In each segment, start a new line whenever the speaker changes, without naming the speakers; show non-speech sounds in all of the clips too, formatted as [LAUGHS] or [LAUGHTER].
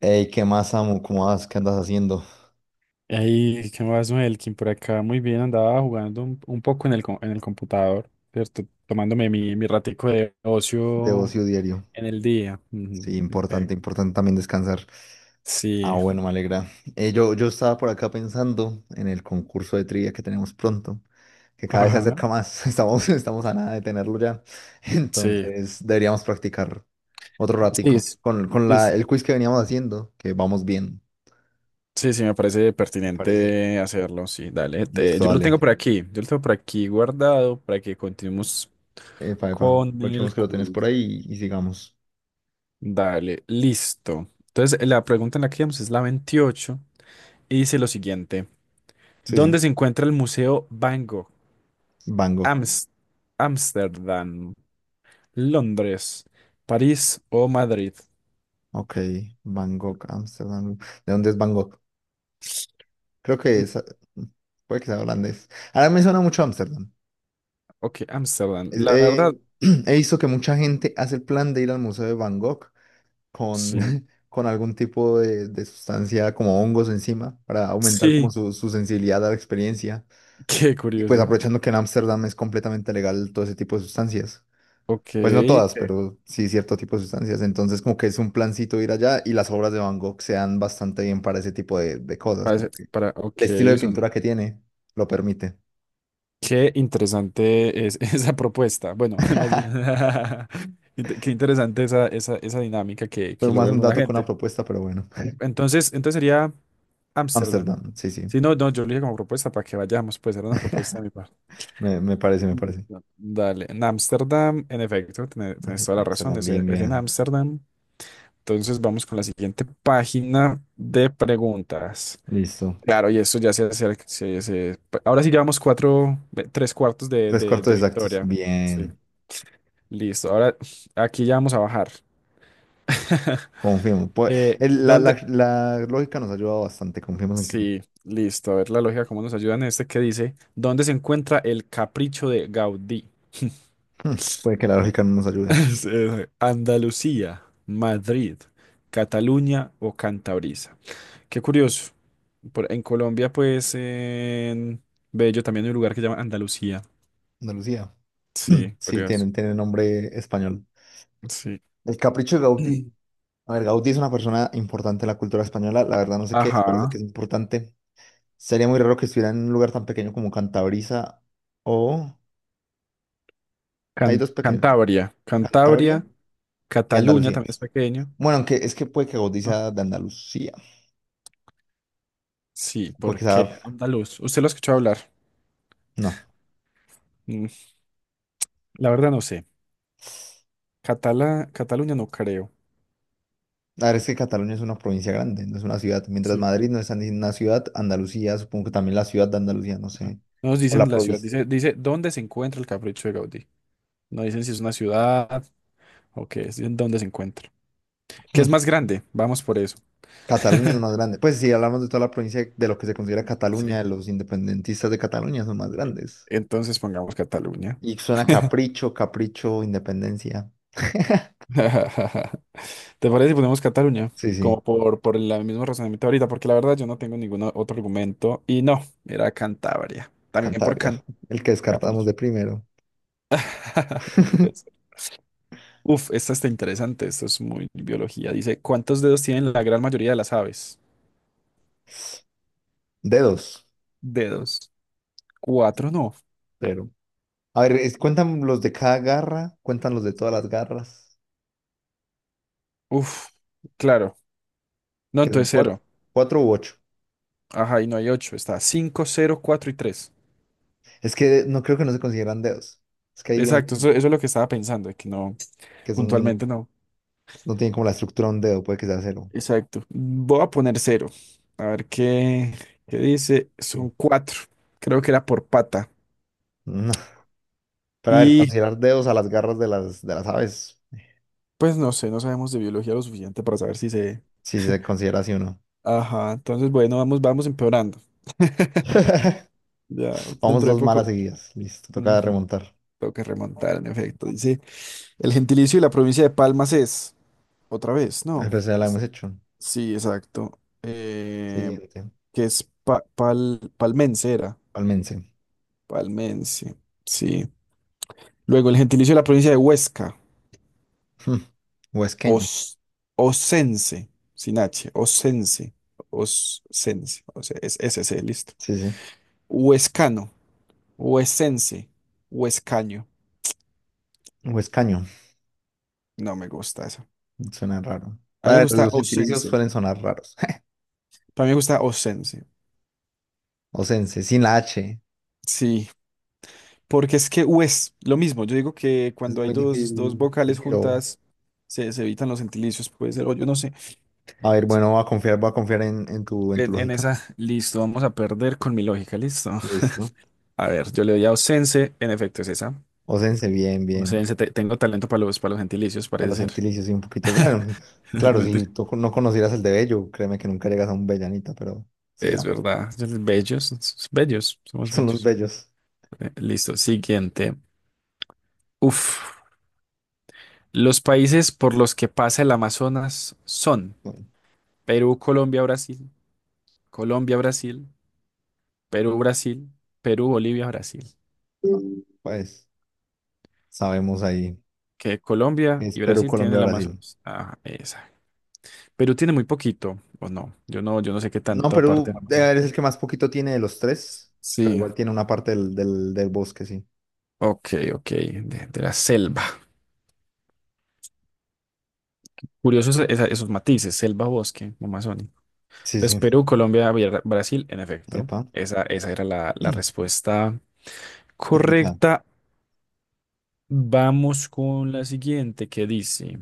Ey, ¿qué más, amo? ¿Cómo vas? ¿Qué andas haciendo?
Ahí, ¿qué más, Melkin? Por acá muy bien, andaba jugando un poco en el, en el computador, ¿cierto? Tomándome mi ratico de
De
ocio
ocio diario.
en el día. Ujú,
Sí,
ok.
importante, importante también descansar. Ah,
Sí,
bueno, me alegra. Yo estaba por acá pensando en el concurso de trivia que tenemos pronto, que cada vez se
ajá,
acerca más. [LAUGHS] Estamos a nada de tenerlo ya. [LAUGHS]
sí,
Entonces, deberíamos practicar otro
sí,
ratico
es-
con, con
sí,
la,
sí,
el quiz que veníamos haciendo, que vamos bien,
sí, sí, me parece
me parece.
pertinente hacerlo, sí, dale.
Listo,
Yo lo
dale.
tengo por aquí, guardado para que continuemos
Epa, epa.
con el
Aprovechemos que lo tenés por
quiz.
ahí y sigamos.
Dale, listo. Entonces, la pregunta en la que íbamos es la 28 y dice lo siguiente.
Sí, sí.
¿Dónde se encuentra el Museo Van Gogh?
Bango.
Ams- Ámsterdam, Londres, París o Madrid.
Ok, Bangkok, Ámsterdam. ¿De dónde es Bangkok? Creo que
Mm,
es, puede que sea holandés. Ahora me suena mucho Ámsterdam.
Ok, Ámsterdam.
Es-
La verdad,
eh, [CLEARS THROAT] he visto que mucha gente hace el plan de ir al Museo de Bangkok con,
sí.
[LAUGHS] con algún tipo de sustancia como hongos encima para aumentar como
Sí,
su sensibilidad a la experiencia.
[LAUGHS] qué
Y pues
curioso.
aprovechando que en Ámsterdam es completamente legal todo ese tipo de sustancias.
Ok,
Pues no todas, pero sí cierto tipo de sustancias. Entonces, como que es un plancito ir allá y las obras de Van Gogh se dan bastante bien para ese tipo de cosas. Como que
ok,
el estilo de pintura
son,
que tiene lo permite.
qué interesante es [LAUGHS] esa propuesta. Bueno, [LAUGHS] más bien,
[LAUGHS]
[LAUGHS] qué interesante esa dinámica que,
Fue
que
más
logra
un
alguna
dato que una
gente.
propuesta, pero bueno. [LAUGHS]
Entonces sería Ámsterdam.
Ámsterdam, sí, sí.
Si no, no, yo lo dije como propuesta para que vayamos, pues era una propuesta de mi parte.
Me parece, me parece.
Dale, en Ámsterdam, en efecto, tienes
Ok,
toda la razón,
Ámsterdam,
es,
bien,
es en
bien.
Ámsterdam. Entonces vamos con la siguiente página de preguntas.
Listo.
Claro, y esto ya se hace, ahora sí llevamos cuatro, tres cuartos de,
Tres cuartos
de
exactos.
victoria. Sí,
Bien.
listo. Ahora aquí ya vamos a bajar. [LAUGHS]
Confirmo. Pue- el- la, la-
¿Dónde?
la lógica nos ha ayudado bastante. Confiemos en que no.
Sí, listo. A ver la lógica, cómo nos ayuda en este que dice, ¿dónde se encuentra el capricho de Gaudí?
[LAUGHS] Hmm, puede que la lógica no nos
[LAUGHS]
ayude.
Sí, sí. Andalucía, Madrid, Cataluña o Cantabria. Qué curioso. En Colombia, pues, en Bello también hay un lugar que se llama Andalucía.
Andalucía. [CLEARS THROAT]
Sí,
Sí,
curioso.
tienen nombre español.
Sí.
El capricho de Gaudí.
[CLEARS THROAT]
A ver, Gaudí es una persona importante en la cultura española. La verdad no sé qué es, pero sé
Ajá.
que es importante. Sería muy raro que estuviera en un lugar tan pequeño como Cantabria o... Hay dos pequeños,
Cantabria.
Cantabria
Cantabria,
y
Cataluña
Andalucía.
también es pequeño.
Bueno, aunque es que puede que Gaudí
No.
sea de Andalucía.
Sí,
Puede
¿por
que
qué?
sea...
Andaluz. ¿Usted lo ha escuchado hablar?
No.
Mm, La verdad no sé. Cataluña no creo.
La verdad es que Cataluña es una provincia grande, no es una ciudad. Mientras
Sí.
Madrid no es ni una ciudad, Andalucía, supongo que también la ciudad de Andalucía, no sé.
No nos
O la
dicen la ciudad.
provincia.
Dice, ¿dónde se encuentra el capricho de Gaudí? No dicen si es una ciudad o qué es, en dónde se encuentra. ¿Qué es más
[LAUGHS]
grande? Vamos por eso.
Cataluña es más grande. Pues si hablamos de toda la provincia de lo que se considera
Sí.
Cataluña, los independentistas de Cataluña son más
Sí.
grandes.
Entonces pongamos Cataluña.
Y suena capricho, capricho, independencia.
[LAUGHS] ¿Te parece si ponemos Cataluña?
Sí,
Como
sí,
por el mismo razonamiento ahorita, porque la verdad yo no tengo ningún otro argumento. Y no, era Cantabria. También por
Cantabria,
Can
el que descartamos
Capricho.
de primero.
[LAUGHS] No puede
[LAUGHS]
ser. Uf, esta está interesante. Esto es muy biología. Dice, ¿cuántos dedos tienen la gran mayoría de las aves?
Dedos,
Dedos. Cuatro, no.
pero. A ver, cuentan los de cada garra, cuentan los de todas
Sí.
las garras,
Uf, claro. No,
que son
entonces
cuatro,
cero.
cuatro u ocho.
Ajá, y no hay 8, está cinco cero cuatro y 3.
Es que no creo que no se consideran dedos. Es que ahí viene el
Exacto, eso,
punto,
eso es lo que estaba pensando, que no,
que son,
puntualmente no.
no tienen como la estructura de un dedo, puede que sea cero.
Exacto. Voy a poner cero. A ver qué dice.
que-
Son cuatro. Creo que era por pata.
No. Pero a ver,
Y
considerar dedos a las garras de las aves.
pues no sé, no sabemos de biología lo suficiente para saber si se...
Sí se considera así o no.
Ajá, entonces bueno, vamos empeorando. [LAUGHS]
[LAUGHS]
Ya,
Vamos
dentro de
dos malas
poco.
seguidas. Listo, toca
Ujú,
remontar.
tengo que remontar, en efecto. Dice, el gentilicio de la provincia de Palmas es, otra vez,
A
¿no?
ver, ya la hemos hecho.
Sí, exacto.
Siguiente.
Que es palmensera,
Palmense.
palmense, sí. Luego el gentilicio de la provincia de Huesca,
Hmm, [LAUGHS] huesqueño.
os, osense, sin H, osense, osense, o sea, es s SC, listo.
Sí, sí.
Huescano, huesense, huescaño.
Huescaño.
No me gusta eso.
Suena raro.
A mí me
Para
gusta
los gentilicios
osense,
suelen sonar raros. [LAUGHS]
para mí me gusta osense,
Osense, sin la H.
sí. Porque es que U es lo mismo. Yo digo que
Es
cuando hay
muy
dos
difícil
vocales
decirlo.
juntas, se evitan los gentilicios, puede ser, o yo no sé.
A ver, bueno, voy a confiar en tu
En
lógica.
esa, listo, vamos a perder con mi lógica, listo.
Listo.
A ver, yo le doy a ausense, en efecto es esa.
Osense, bien, bien.
Ausense, tengo talento para los gentilicios,
A
parece
los
ser. [LAUGHS]
gentilicios, y un poquito. Bueno,
No,
claro,
mentira.
si tú no conocieras el de Bello, créeme que nunca llegas a un Bellanita, pero
Es
sigamos.
verdad, bellos,
[LAUGHS]
somos
Son los
bellos.
bellos.
Listo, siguiente. Uf, los países por los que pasa el Amazonas son
Bueno,
Perú, Colombia, Brasil. Colombia, Brasil. Perú, Brasil, Perú, Bolivia, Brasil.
ah, pues sabemos ahí
Que
que
Colombia
es
y
Perú,
Brasil tienen
Colombia,
el
Brasil.
Amazonas. Ajá, esa. Perú tiene muy poquito, o no. Yo no sé qué
No,
tanta parte del
Perú
Amazonas.
es el que más poquito tiene de los tres, pero
Sí,
igual tiene una parte del bosque, sí.
ok, ok, de la selva. Curiosos esos matices, selva, bosque, Amazonia.
Sí,
Entonces,
sí.
Perú, Colombia, Brasil, en efecto.
Epa.
Esa era la
[CLEARS THROAT]
respuesta
Indicado.
correcta. Vamos con la siguiente, que dice,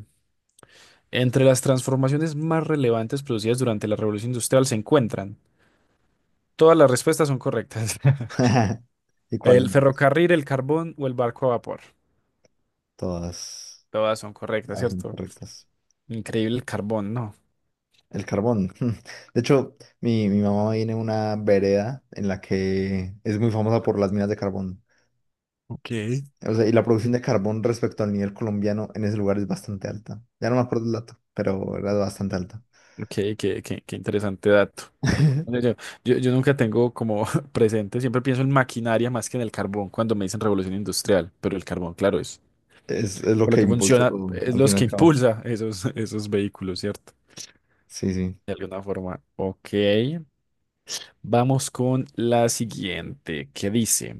entre las transformaciones más relevantes producidas durante la Revolución Industrial se encuentran. Todas las respuestas son correctas. [LAUGHS]
[LAUGHS] ¿Y cuáles
El
más?
ferrocarril, el carbón o el barco a vapor.
Todas,
Todas son correctas,
todas
¿cierto?
incorrectas.
Increíble el carbón, ¿no?
El carbón. [LAUGHS] De hecho, mi mamá viene de una vereda en la que es muy famosa por las minas de carbón.
Ok.
O sea, y la producción de carbón respecto al nivel colombiano en ese lugar es bastante alta. Ya no me acuerdo el dato, pero era bastante alta.
Qué interesante dato. Yo,
[LAUGHS]
yo- yo nunca tengo como [LAUGHS] presente, siempre pienso en maquinaria más que en el carbón cuando me dicen revolución industrial, pero el carbón, claro, es
Es lo
por lo
que
que
impulsó
funciona,
todo,
es
al fin y
los
al
que
cabo.
impulsa esos, [LAUGHS] esos vehículos, ¿cierto?
Sí, sí.
De alguna forma. Ok, vamos con la siguiente, que dice.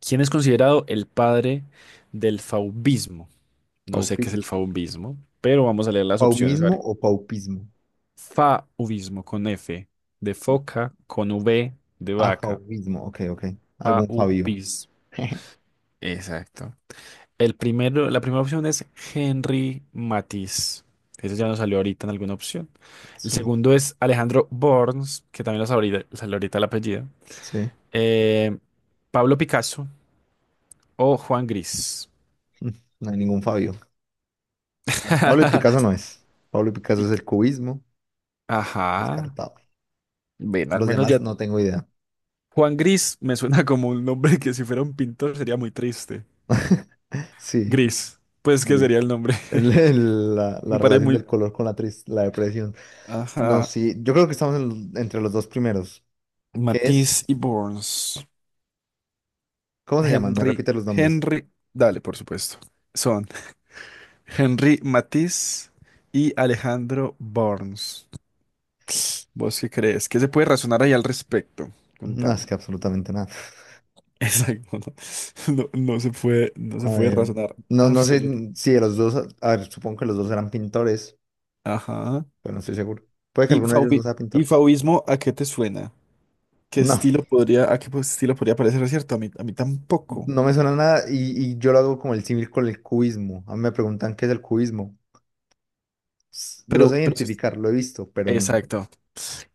¿Quién es considerado el padre del fauvismo? No sé qué es
Paupismo.
el fauvismo, pero vamos a leer las opciones. A
¿Paumismo
ver.
o paupismo?
Fauvismo con F de foca, con V de
Ah,
vaca.
paupismo. Ok, ok. Algún Fabio.
Fauvismo.
[LAUGHS]
Exacto. El primero, la primera opción es Henri Matisse. Ese ya nos salió ahorita en alguna opción. El
Sí,
segundo es Alejandro Borns, que también lo salió ahorita el apellido.
sí.
Eh, Pablo Picasso o Juan Gris.
[LAUGHS] No hay ningún Fabio. A ver, Pablo y
[LAUGHS]
Picasso no es. Pablo y Picasso es
Pic-
el cubismo.
Ajá.
Descartado.
Ven, al
Los
menos
demás
ya.
no tengo idea.
Juan Gris me suena [LAUGHS] como un nombre que si fuera un pintor sería muy triste.
Sí.
Gris, pues que
Gris.
sería
[LAUGHS]
el nombre.
El- el- la,
[LAUGHS]
la
Me parece
relación
muy.
del color con la, la depresión. No,
Ajá.
sí, yo creo que estamos entre los dos primeros. ¿Qué es?
Matisse y Borns.
¿Cómo se llaman? Me
Henry.
repite los nombres.
Henry. Dale, por supuesto. Son [LAUGHS] Henry Matisse y Alejandro Borns. ¿Vos qué crees? ¿Qué se puede razonar ahí al respecto?
No, es
Contame.
que absolutamente nada.
Exacto. No, [LAUGHS] no, no se puede, no se
A
puede
ver,
razonar
no, no sé
absolutamente.
si de los dos, a ver, supongo que los dos eran pintores,
Ajá.
pero no estoy seguro. Puede que
¿Y,
alguno de ellos no
fauvi-
sea
y
pintor.
fauvismo a qué te suena? ¿Qué
No,
estilo podría, a qué pues, estilo podría parecer cierto? A mí tampoco.
no me suena nada y yo lo hago como el símil con el cubismo. A mí me preguntan qué es el cubismo. Lo sé
Pero sí
identificar, lo he visto, pero no.
Exacto.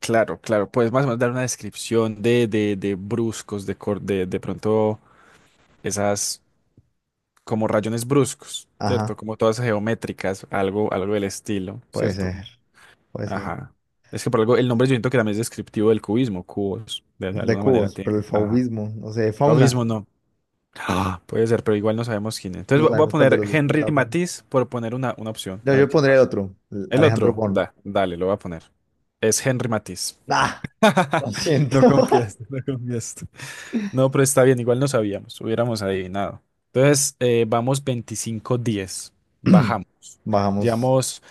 Claro, claro. Puedes más o menos dar una descripción de bruscos, de pronto esas como rayones bruscos, ¿cierto?
Ajá,
Como todas geométricas, algo del estilo,
puede
¿cierto?
ser. Puede ser.
Ajá. Es que por algo, el nombre yo siento que también es descriptivo del cubismo, cubos, de
De
alguna manera
cubos, pero
tiene.
el
Ajá.
fauvismo, no sé, fauna.
Fauvismo no. Ah, puede ser, pero igual no sabemos quién es.
No
Entonces voy a
sabemos cuál de
poner
los dos pintaba
Henry
fauna.
Matisse por poner una opción.
Yo,
A ver
yo
qué
pondría el
pasa.
otro, el
El
Alejandro
otro,
Bon.
dale, lo voy a poner. Es Henry Matisse.
¡Ah! Lo
[LAUGHS]
siento.
No confiaste, no confiaste. No, pero está bien, igual no sabíamos, hubiéramos adivinado. Entonces, vamos 25-10.
[CLEARS THROAT]
Bajamos.
[LAUGHS] Bajamos.
Llevamos,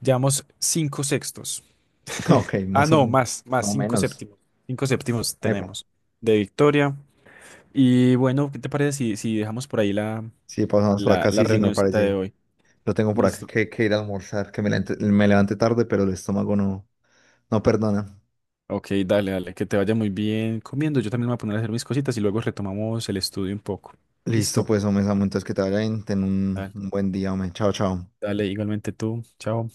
llevamos 5 sextos. [LAUGHS]
Ok,
Ah,
más o
no,
menos.
más,
No
5
menos.
séptimos. Cinco séptimos
Epa.
tenemos de victoria. Y bueno, ¿qué te parece si, si dejamos por ahí la
Sí, pasamos por
la,
acá.
la
Sí, sí, me
reunioncita de
parece.
hoy.
Lo tengo por acá
Listo.
que ir a almorzar, que me levante tarde, pero el estómago no, no perdona.
Ok, dale, dale, que te vaya muy bien comiendo. Yo también me voy a poner a hacer mis cositas y luego retomamos el estudio un poco.
Listo,
Listo.
pues, hombre, Samu, entonces que te vaya bien. Ten
Dale,
un buen día, hombre. Chao, chao.
dale, igualmente tú. Chao.